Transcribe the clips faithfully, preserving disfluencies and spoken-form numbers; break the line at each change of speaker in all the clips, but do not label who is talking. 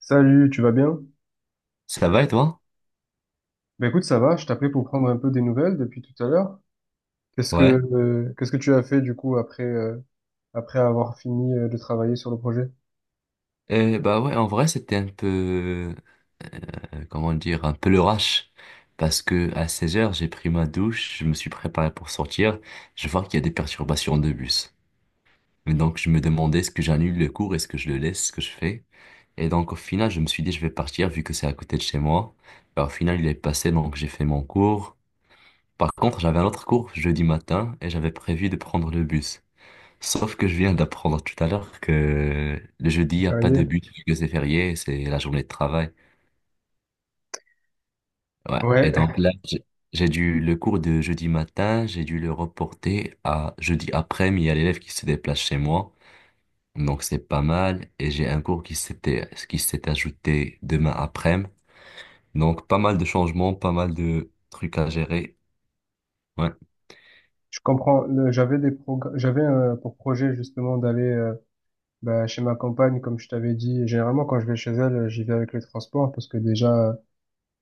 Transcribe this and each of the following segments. Salut, tu vas bien?
Ça va et toi?
Ben écoute, ça va, je t'appelais pour prendre un peu des nouvelles depuis tout à l'heure. Qu'est-ce que
Ouais.
euh, qu'est-ce que tu as fait du coup après euh, après avoir fini euh, de travailler sur le projet?
Euh, bah ouais, en vrai, c'était un peu, euh, comment dire, un peu le rush. Parce que à 16 heures, j'ai pris ma douche, je me suis préparé pour sortir. Je vois qu'il y a des perturbations de bus. Et donc, je me demandais est-ce que j'annule le cours, est-ce que je le laisse, ce que je fais. Et donc, au final, je me suis dit, je vais partir vu que c'est à côté de chez moi. Bah, au final, il est passé, donc j'ai fait mon cours. Par contre, j'avais un autre cours jeudi matin et j'avais prévu de prendre le bus. Sauf que je viens d'apprendre tout à l'heure que le jeudi, il
Ça
n'y a
fait
pas
rire.
de but, vu que c'est férié, c'est la journée de travail. Ouais. Et
Ouais,
donc là, j'ai j'ai dû le cours de jeudi matin, j'ai dû le reporter à jeudi après-midi. Il y a l'élève qui se déplace chez moi, donc c'est pas mal. Et j'ai un cours qui s'était qui s'est ajouté demain après-midi. Donc pas mal de changements, pas mal de trucs à gérer. Ouais.
je comprends. Le- J'avais des progr- j'avais euh, pour projet justement d'aller euh, bah, chez ma compagne, comme je t'avais dit. Généralement, quand je vais chez elle, euh, j'y vais avec les transports parce que déjà, euh,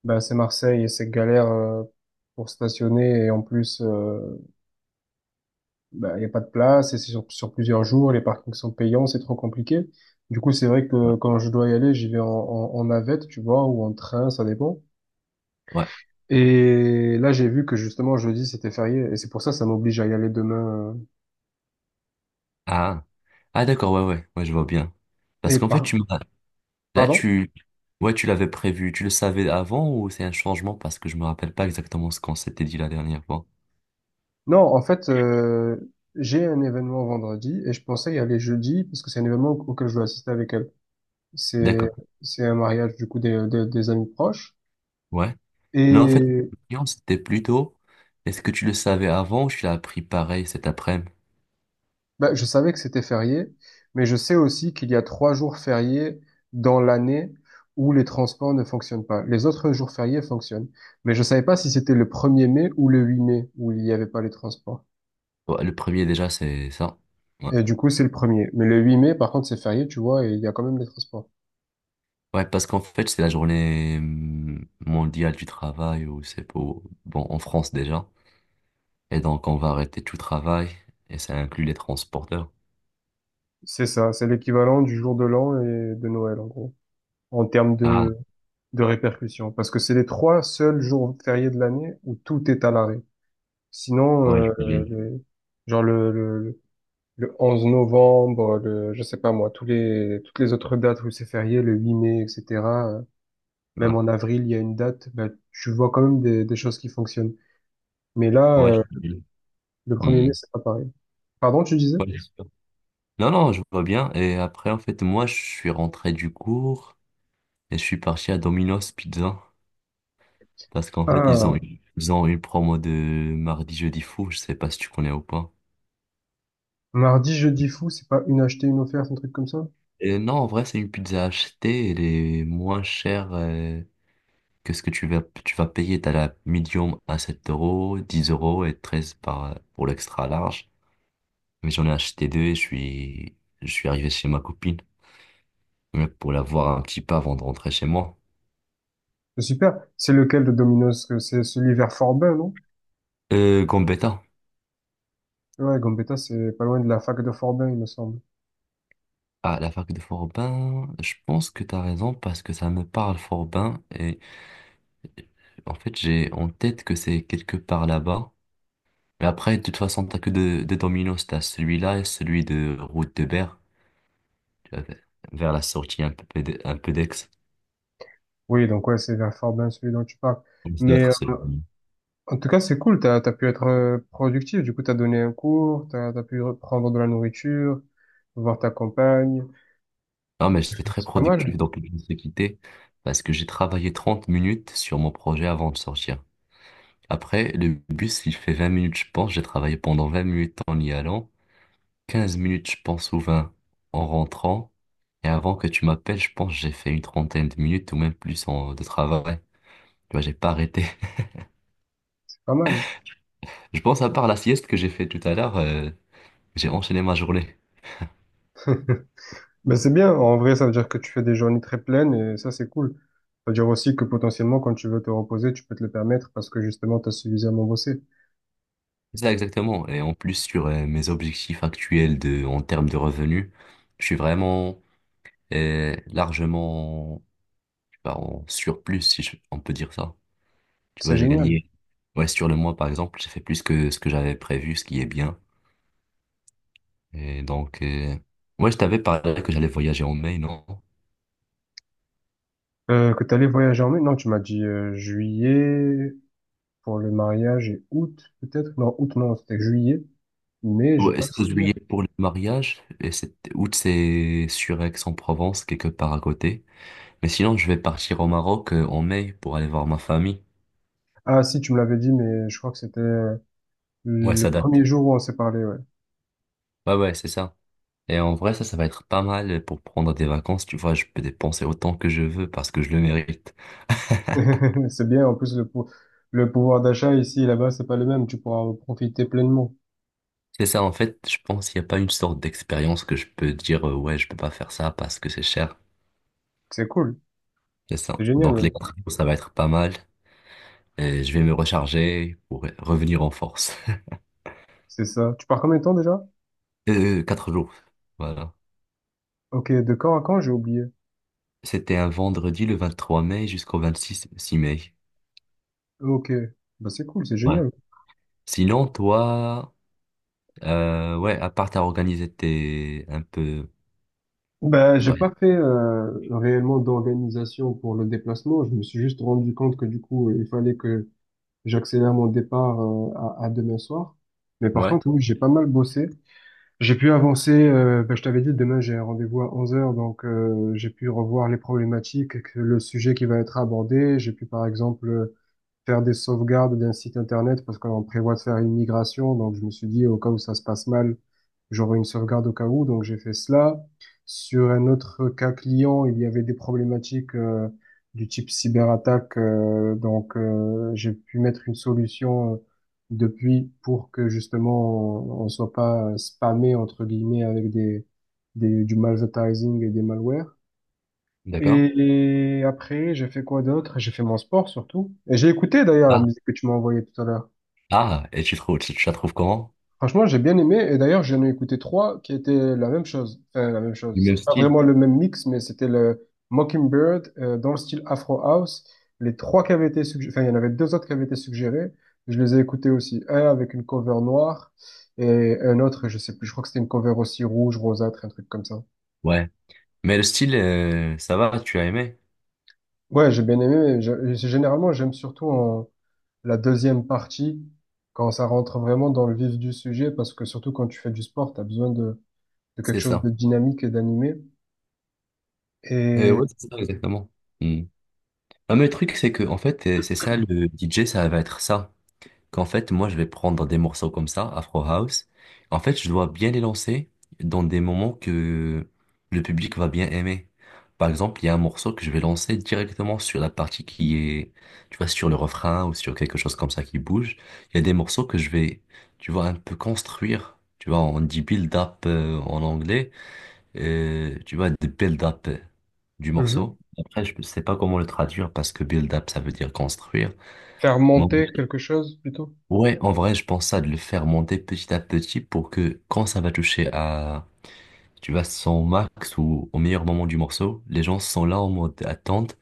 bah, c'est Marseille et c'est galère euh, pour stationner et en plus euh, bah, il n'y a pas de place, et c'est sur, sur plusieurs jours, les parkings sont payants, c'est trop compliqué. Du coup, c'est vrai
Ouais.
que quand je dois y aller, j'y vais en, en, en navette, tu vois, ou en train, ça dépend.
Ouais.
Et là, j'ai vu que justement, jeudi, c'était férié, et c'est pour ça, ça m'oblige à y aller demain.
Ah. Ah d'accord, ouais, ouais, ouais, je vois bien.
euh,
Parce
Et
qu'en fait,
par...
tu m'as Là,
Pardon?
tu, ouais, tu l'avais prévu, tu le savais avant ou c'est un changement parce que je me rappelle pas exactement ce qu'on s'était dit la dernière fois.
Non, en fait, euh, j'ai un événement vendredi, et je pensais y aller jeudi, parce que c'est un événement auquel je dois assister avec elle. C'est,
D'accord.
c'est un mariage, du coup, des, des, des amis proches.
Ouais. Non, en fait,
Et
la question, c'était plutôt, est-ce que tu le savais avant ou tu l'as appris pareil cet après-midi?
Bah, je savais que c'était férié, mais je sais aussi qu'il y a trois jours fériés dans l'année où les transports ne fonctionnent pas. Les autres jours fériés fonctionnent. Mais je savais pas si c'était le premier mai ou le huit mai où il n'y avait pas les transports.
Ouais, le premier déjà, c'est ça. Ouais.
Et du coup, c'est le premier. Mais le huit mai, par contre, c'est férié, tu vois, et il y a quand même les transports.
Ouais, parce qu'en fait, c'est la journée hum, mondiale du travail ou c'est pour, bon, en France déjà. Et donc, on va arrêter tout travail et ça inclut les transporteurs.
C'est ça, c'est l'équivalent du jour de l'an et de Noël, en gros, en termes
Ah,
de, de répercussions. Parce que c'est les trois seuls jours fériés de l'année où tout est à l'arrêt. Sinon,
ouais, je
euh,
voulais.
les- genre le, le- le onze novembre, le, je sais pas moi, tous les, toutes les autres dates où c'est férié, le huit mai, et cetera euh, Même
Ouais,
en avril, il y a une date, bah, tu vois quand même des, des choses qui fonctionnent. Mais là,
ouais, je
euh,
voulais.
le premier mai,
Hum.
c'est pas pareil. Pardon, tu disais?
Ouais. Non, non, je vois bien. Et après, en fait, moi, je suis rentré du cours et je suis parti à Domino's Pizza parce qu'en fait, ils ont,
Ah,
une- ils ont une promo de mardi, jeudi fou. Je sais pas si tu connais ou pas.
mardi, jeudi fou, c'est pas une achetée, une offerte, un truc comme ça?
Et non, en vrai, c'est une pizza achetée. Elle est moins chère euh, que ce que tu vas, tu vas payer. T'as la medium à sept euros, dix euros et treize par, pour l'extra large. Mais j'en ai acheté deux et je suis, je suis arrivé chez ma copine euh, pour la voir un petit peu avant de rentrer chez moi.
C'est super. C'est lequel de Domino's? Que C'est celui vers Forbin, non?
Euh, Gambetta.
Ouais, Gambetta, c'est pas loin de la fac de Forbin, il me semble.
Ah, la fac de Forbin, je pense que tu as raison parce que ça me parle Forbin et en fait j'ai en tête que c'est quelque part là-bas. Mais après, de toute façon, t'as que deux, deux dominos, t'as celui-là et celui de route de Berre, tu vois, vers la sortie un peu de- un peu d'Aix.
Oui, donc ouais, c'est vers Forbin, celui dont tu parles.
Donc, ça doit
Mais
être celui.
En tout cas, c'est cool, t'as, t'as pu être euh, productif, du coup, t'as donné un cours, t'as, t'as pu prendre de la nourriture, voir ta compagne,
Non, mais j'étais très
c'est pas
productif
mal,
donc je me suis quitté parce que j'ai travaillé trente minutes sur mon projet avant de sortir. Après, le bus, il fait vingt minutes, je pense. J'ai travaillé pendant vingt minutes en y allant. Quinze minutes, je pense, ou vingt en rentrant. Et avant que tu m'appelles, je pense que j'ai fait une trentaine de minutes ou même plus en- de travail. Tu vois, j'ai pas arrêté.
c'est pas mal.
Je pense à part la sieste que j'ai fait tout à l'heure, euh, j'ai enchaîné ma journée.
Ben c'est bien, en vrai, ça veut dire que tu fais des journées très pleines et ça, c'est cool. Ça veut dire aussi que potentiellement, quand tu veux te reposer, tu peux te le permettre parce que justement, t'as suffisamment bossé.
C'est ça exactement. Et en plus sur euh, mes objectifs actuels de, en termes de revenus, je suis vraiment euh, largement je sais pas, en surplus, si je- on peut dire ça. Tu vois,
C'est
j'ai
génial.
gagné. Ouais, sur le mois, par exemple, j'ai fait plus que ce que j'avais prévu, ce qui est bien. Et donc, euh, ouais, je t'avais parlé que j'allais voyager en mai, non?
Euh, que t'allais voyager en mai? Non, tu m'as dit euh, juillet pour le mariage et août, peut-être? Non, août, non, c'était juillet, mais j'ai
Ouais,
pas le
est-ce que
souvenir.
juillet pour le mariage? Et c'est août, c'est sur Aix-en-Provence, quelque part à côté. Mais sinon, je vais partir au Maroc euh, en mai pour aller voir ma famille.
Ah si, tu me l'avais dit, mais je crois que c'était euh,
Ouais,
le
ça
premier
date.
jour où on s'est parlé, ouais.
Ouais, ouais, c'est ça. Et en vrai, ça, ça va être pas mal pour prendre des vacances. Tu vois, je peux dépenser autant que je veux parce que je le mérite.
C'est bien, en plus le, pou- le pouvoir d'achat ici et là-bas, c'est pas le même, tu pourras en profiter pleinement.
C'est ça, en fait, je pense qu'il n'y a pas une sorte d'expérience que je peux dire, euh, ouais, je peux pas faire ça parce que c'est cher.
C'est cool,
C'est ça.
c'est génial
Donc,
même.
les quatre jours, ça va être pas mal. Et je vais me recharger pour revenir en force.
C'est ça. Tu pars combien de temps déjà?
Euh, quatre jours. Voilà.
Ok, de quand à quand, j'ai oublié.
C'était un vendredi le vingt-trois mai jusqu'au vingt-six six mai.
Ok, bah c'est cool, c'est
Ouais.
génial.
Sinon, toi, euh, ouais, à part t'as organisé tes un peu.
Bah j'ai
Ouais.
pas fait euh, réellement d'organisation pour le déplacement, je me suis juste rendu compte que du coup, il fallait que j'accélère mon départ euh, à, à demain soir. Mais par
Ouais.
contre, oui, j'ai pas mal bossé. J'ai pu avancer, euh, ben, je t'avais dit, demain j'ai un rendez-vous à onze heures, donc euh, j'ai pu revoir les problématiques, que- le sujet qui va être abordé. J'ai pu par exemple faire des sauvegardes d'un site internet parce qu'on prévoit de faire une migration. Donc, je me suis dit, au cas où ça se passe mal, j'aurai une sauvegarde au cas où. Donc, j'ai fait cela. Sur un autre cas client, il y avait des problématiques euh, du type cyberattaque. Euh, donc, euh, j'ai pu mettre une solution euh, depuis pour que justement on, on soit pas euh, spammé entre guillemets avec des, des du malvertising et des malwares.
D'accord.
Et après, j'ai fait quoi d'autre? J'ai fait mon sport surtout. Et j'ai écouté d'ailleurs la
Ah,
musique que tu m'as envoyée tout à l'heure.
ah, et tu trouves, tu, tu la trouves comment?
Franchement, j'ai bien aimé. Et d'ailleurs, j'en ai écouté trois qui étaient la même chose. Enfin, la même
Du
chose.
même
C'était pas
style.
vraiment le même mix, mais c'était le Mockingbird euh, dans le style Afro House. Les trois qui avaient été suggérés, enfin, il y en avait deux autres qui avaient été suggérés. Je les ai écoutés aussi. Un avec une cover noire et un autre, je sais plus. Je crois que c'était une cover aussi rouge, rosâtre, un truc comme ça.
Ouais. Mais le style, euh, ça va, tu as aimé.
Ouais, j'ai bien aimé. Mais je- généralement, j'aime surtout en la deuxième partie, quand ça rentre vraiment dans le vif du sujet, parce que surtout quand tu fais du sport, tu as besoin de, de quelque
C'est
chose
ça.
de dynamique et d'animé,
Euh,
et
ouais, c'est ça, exactement. Hmm. Un autre truc, c'est que, en fait, euh, c'est ça, le D J, ça va être ça. Qu'en fait, moi, je vais prendre des morceaux comme ça, Afro House. En fait, je dois bien les lancer dans des moments que le public va bien aimer. Par exemple, il y a un morceau que je vais lancer directement sur la partie qui est, tu vois, sur le refrain ou sur quelque chose comme ça qui bouge. Il y a des morceaux que je vais, tu vois, un peu construire. Tu vois, on dit build-up en anglais. euh, tu vois, de build-up euh, du
Mhm.
morceau. Après, je ne sais pas comment le traduire parce que build-up, ça veut dire construire.
Faire
Moi,
monter quelque chose plutôt.
ouais, en vrai, je pense à de le faire monter petit à petit pour que quand ça va toucher à, tu vois, son max ou au meilleur moment du morceau, les gens sont là en mode attente.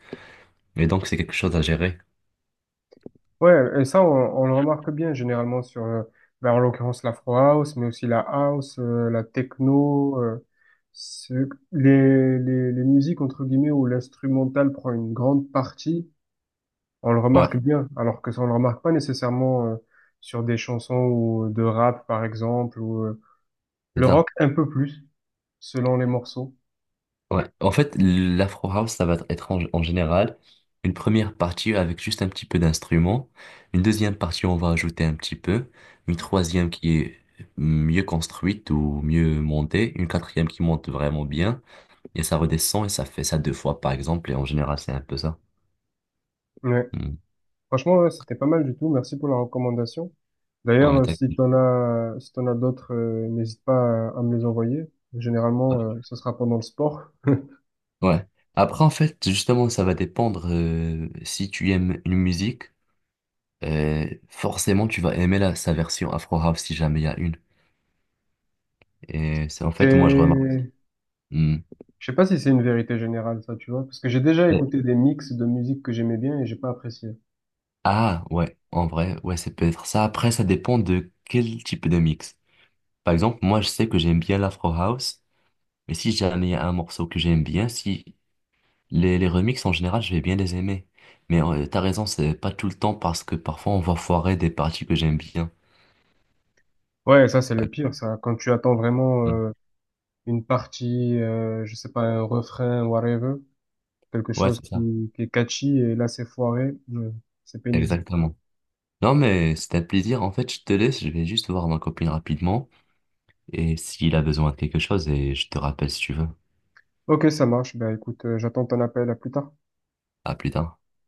Et donc, c'est quelque chose à gérer.
Ouais, et ça, on, on le remarque bien généralement sur, euh, ben, en l'occurrence, l'afro house, mais aussi la house, euh, la techno, euh, ce- les, les, les musiques, entre guillemets, où l'instrumental prend une grande partie. On le remarque
Ouais,
bien, alors que ça, on le remarque pas nécessairement euh, sur des chansons ou de rap, par exemple, ou euh,
c'est
le
ça.
rock un peu plus, selon les morceaux.
Ouais. En fait, l'Afro House, ça va être en, en général une première partie avec juste un petit peu d'instruments. Une deuxième partie, on va ajouter un petit peu. Une troisième qui est mieux construite ou mieux montée. Une quatrième qui monte vraiment bien. Et ça redescend et ça fait ça deux fois, par exemple. Et en général, c'est un peu ça.
Ouais.
Hmm.
Franchement, ouais, c'était pas mal du tout. Merci pour la recommandation. D'ailleurs,
On est
euh, si
d'accord.
t'en as, si t'en as d'autres, euh, n'hésite pas à, à me les envoyer. Généralement, euh, ce sera pendant le sport.
Ouais. Après, en fait, justement, ça va dépendre euh, si tu aimes une musique. euh, forcément, tu vas aimer la, sa version Afro House si jamais il y a une. Et c'est en fait, moi, je remarque.
C'est,
Hmm.
je sais pas si c'est une vérité générale, ça, tu vois, parce que j'ai déjà
Et-
écouté des mix de musique que j'aimais bien et j'ai pas apprécié.
Ah, ouais, en vrai, ouais, c'est peut-être ça. Après, ça dépend de quel type de mix. Par exemple, moi, je sais que j'aime bien l'Afro House, mais si jamais il y a un morceau que j'aime bien, si Les, les remixes, en général, je vais bien les aimer. Mais euh, t'as raison, c'est pas tout le temps parce que parfois on va foirer des parties que j'aime bien.
Ouais, ça, c'est le pire, ça. Quand tu attends
Ouais,
vraiment une partie, euh, je sais pas, un refrain, whatever, quelque
ouais,
chose
c'est ça.
qui, qui est catchy, et là c'est foiré, euh, c'est pénible.
Exactement. Non, mais c'était un plaisir. En fait, je te laisse, je vais juste voir ma copine rapidement. Et s'il a besoin de quelque chose, et je te rappelle si tu veux.
Ok, ça marche, ben écoute, euh, j'attends ton appel, à plus tard.
À plus tard.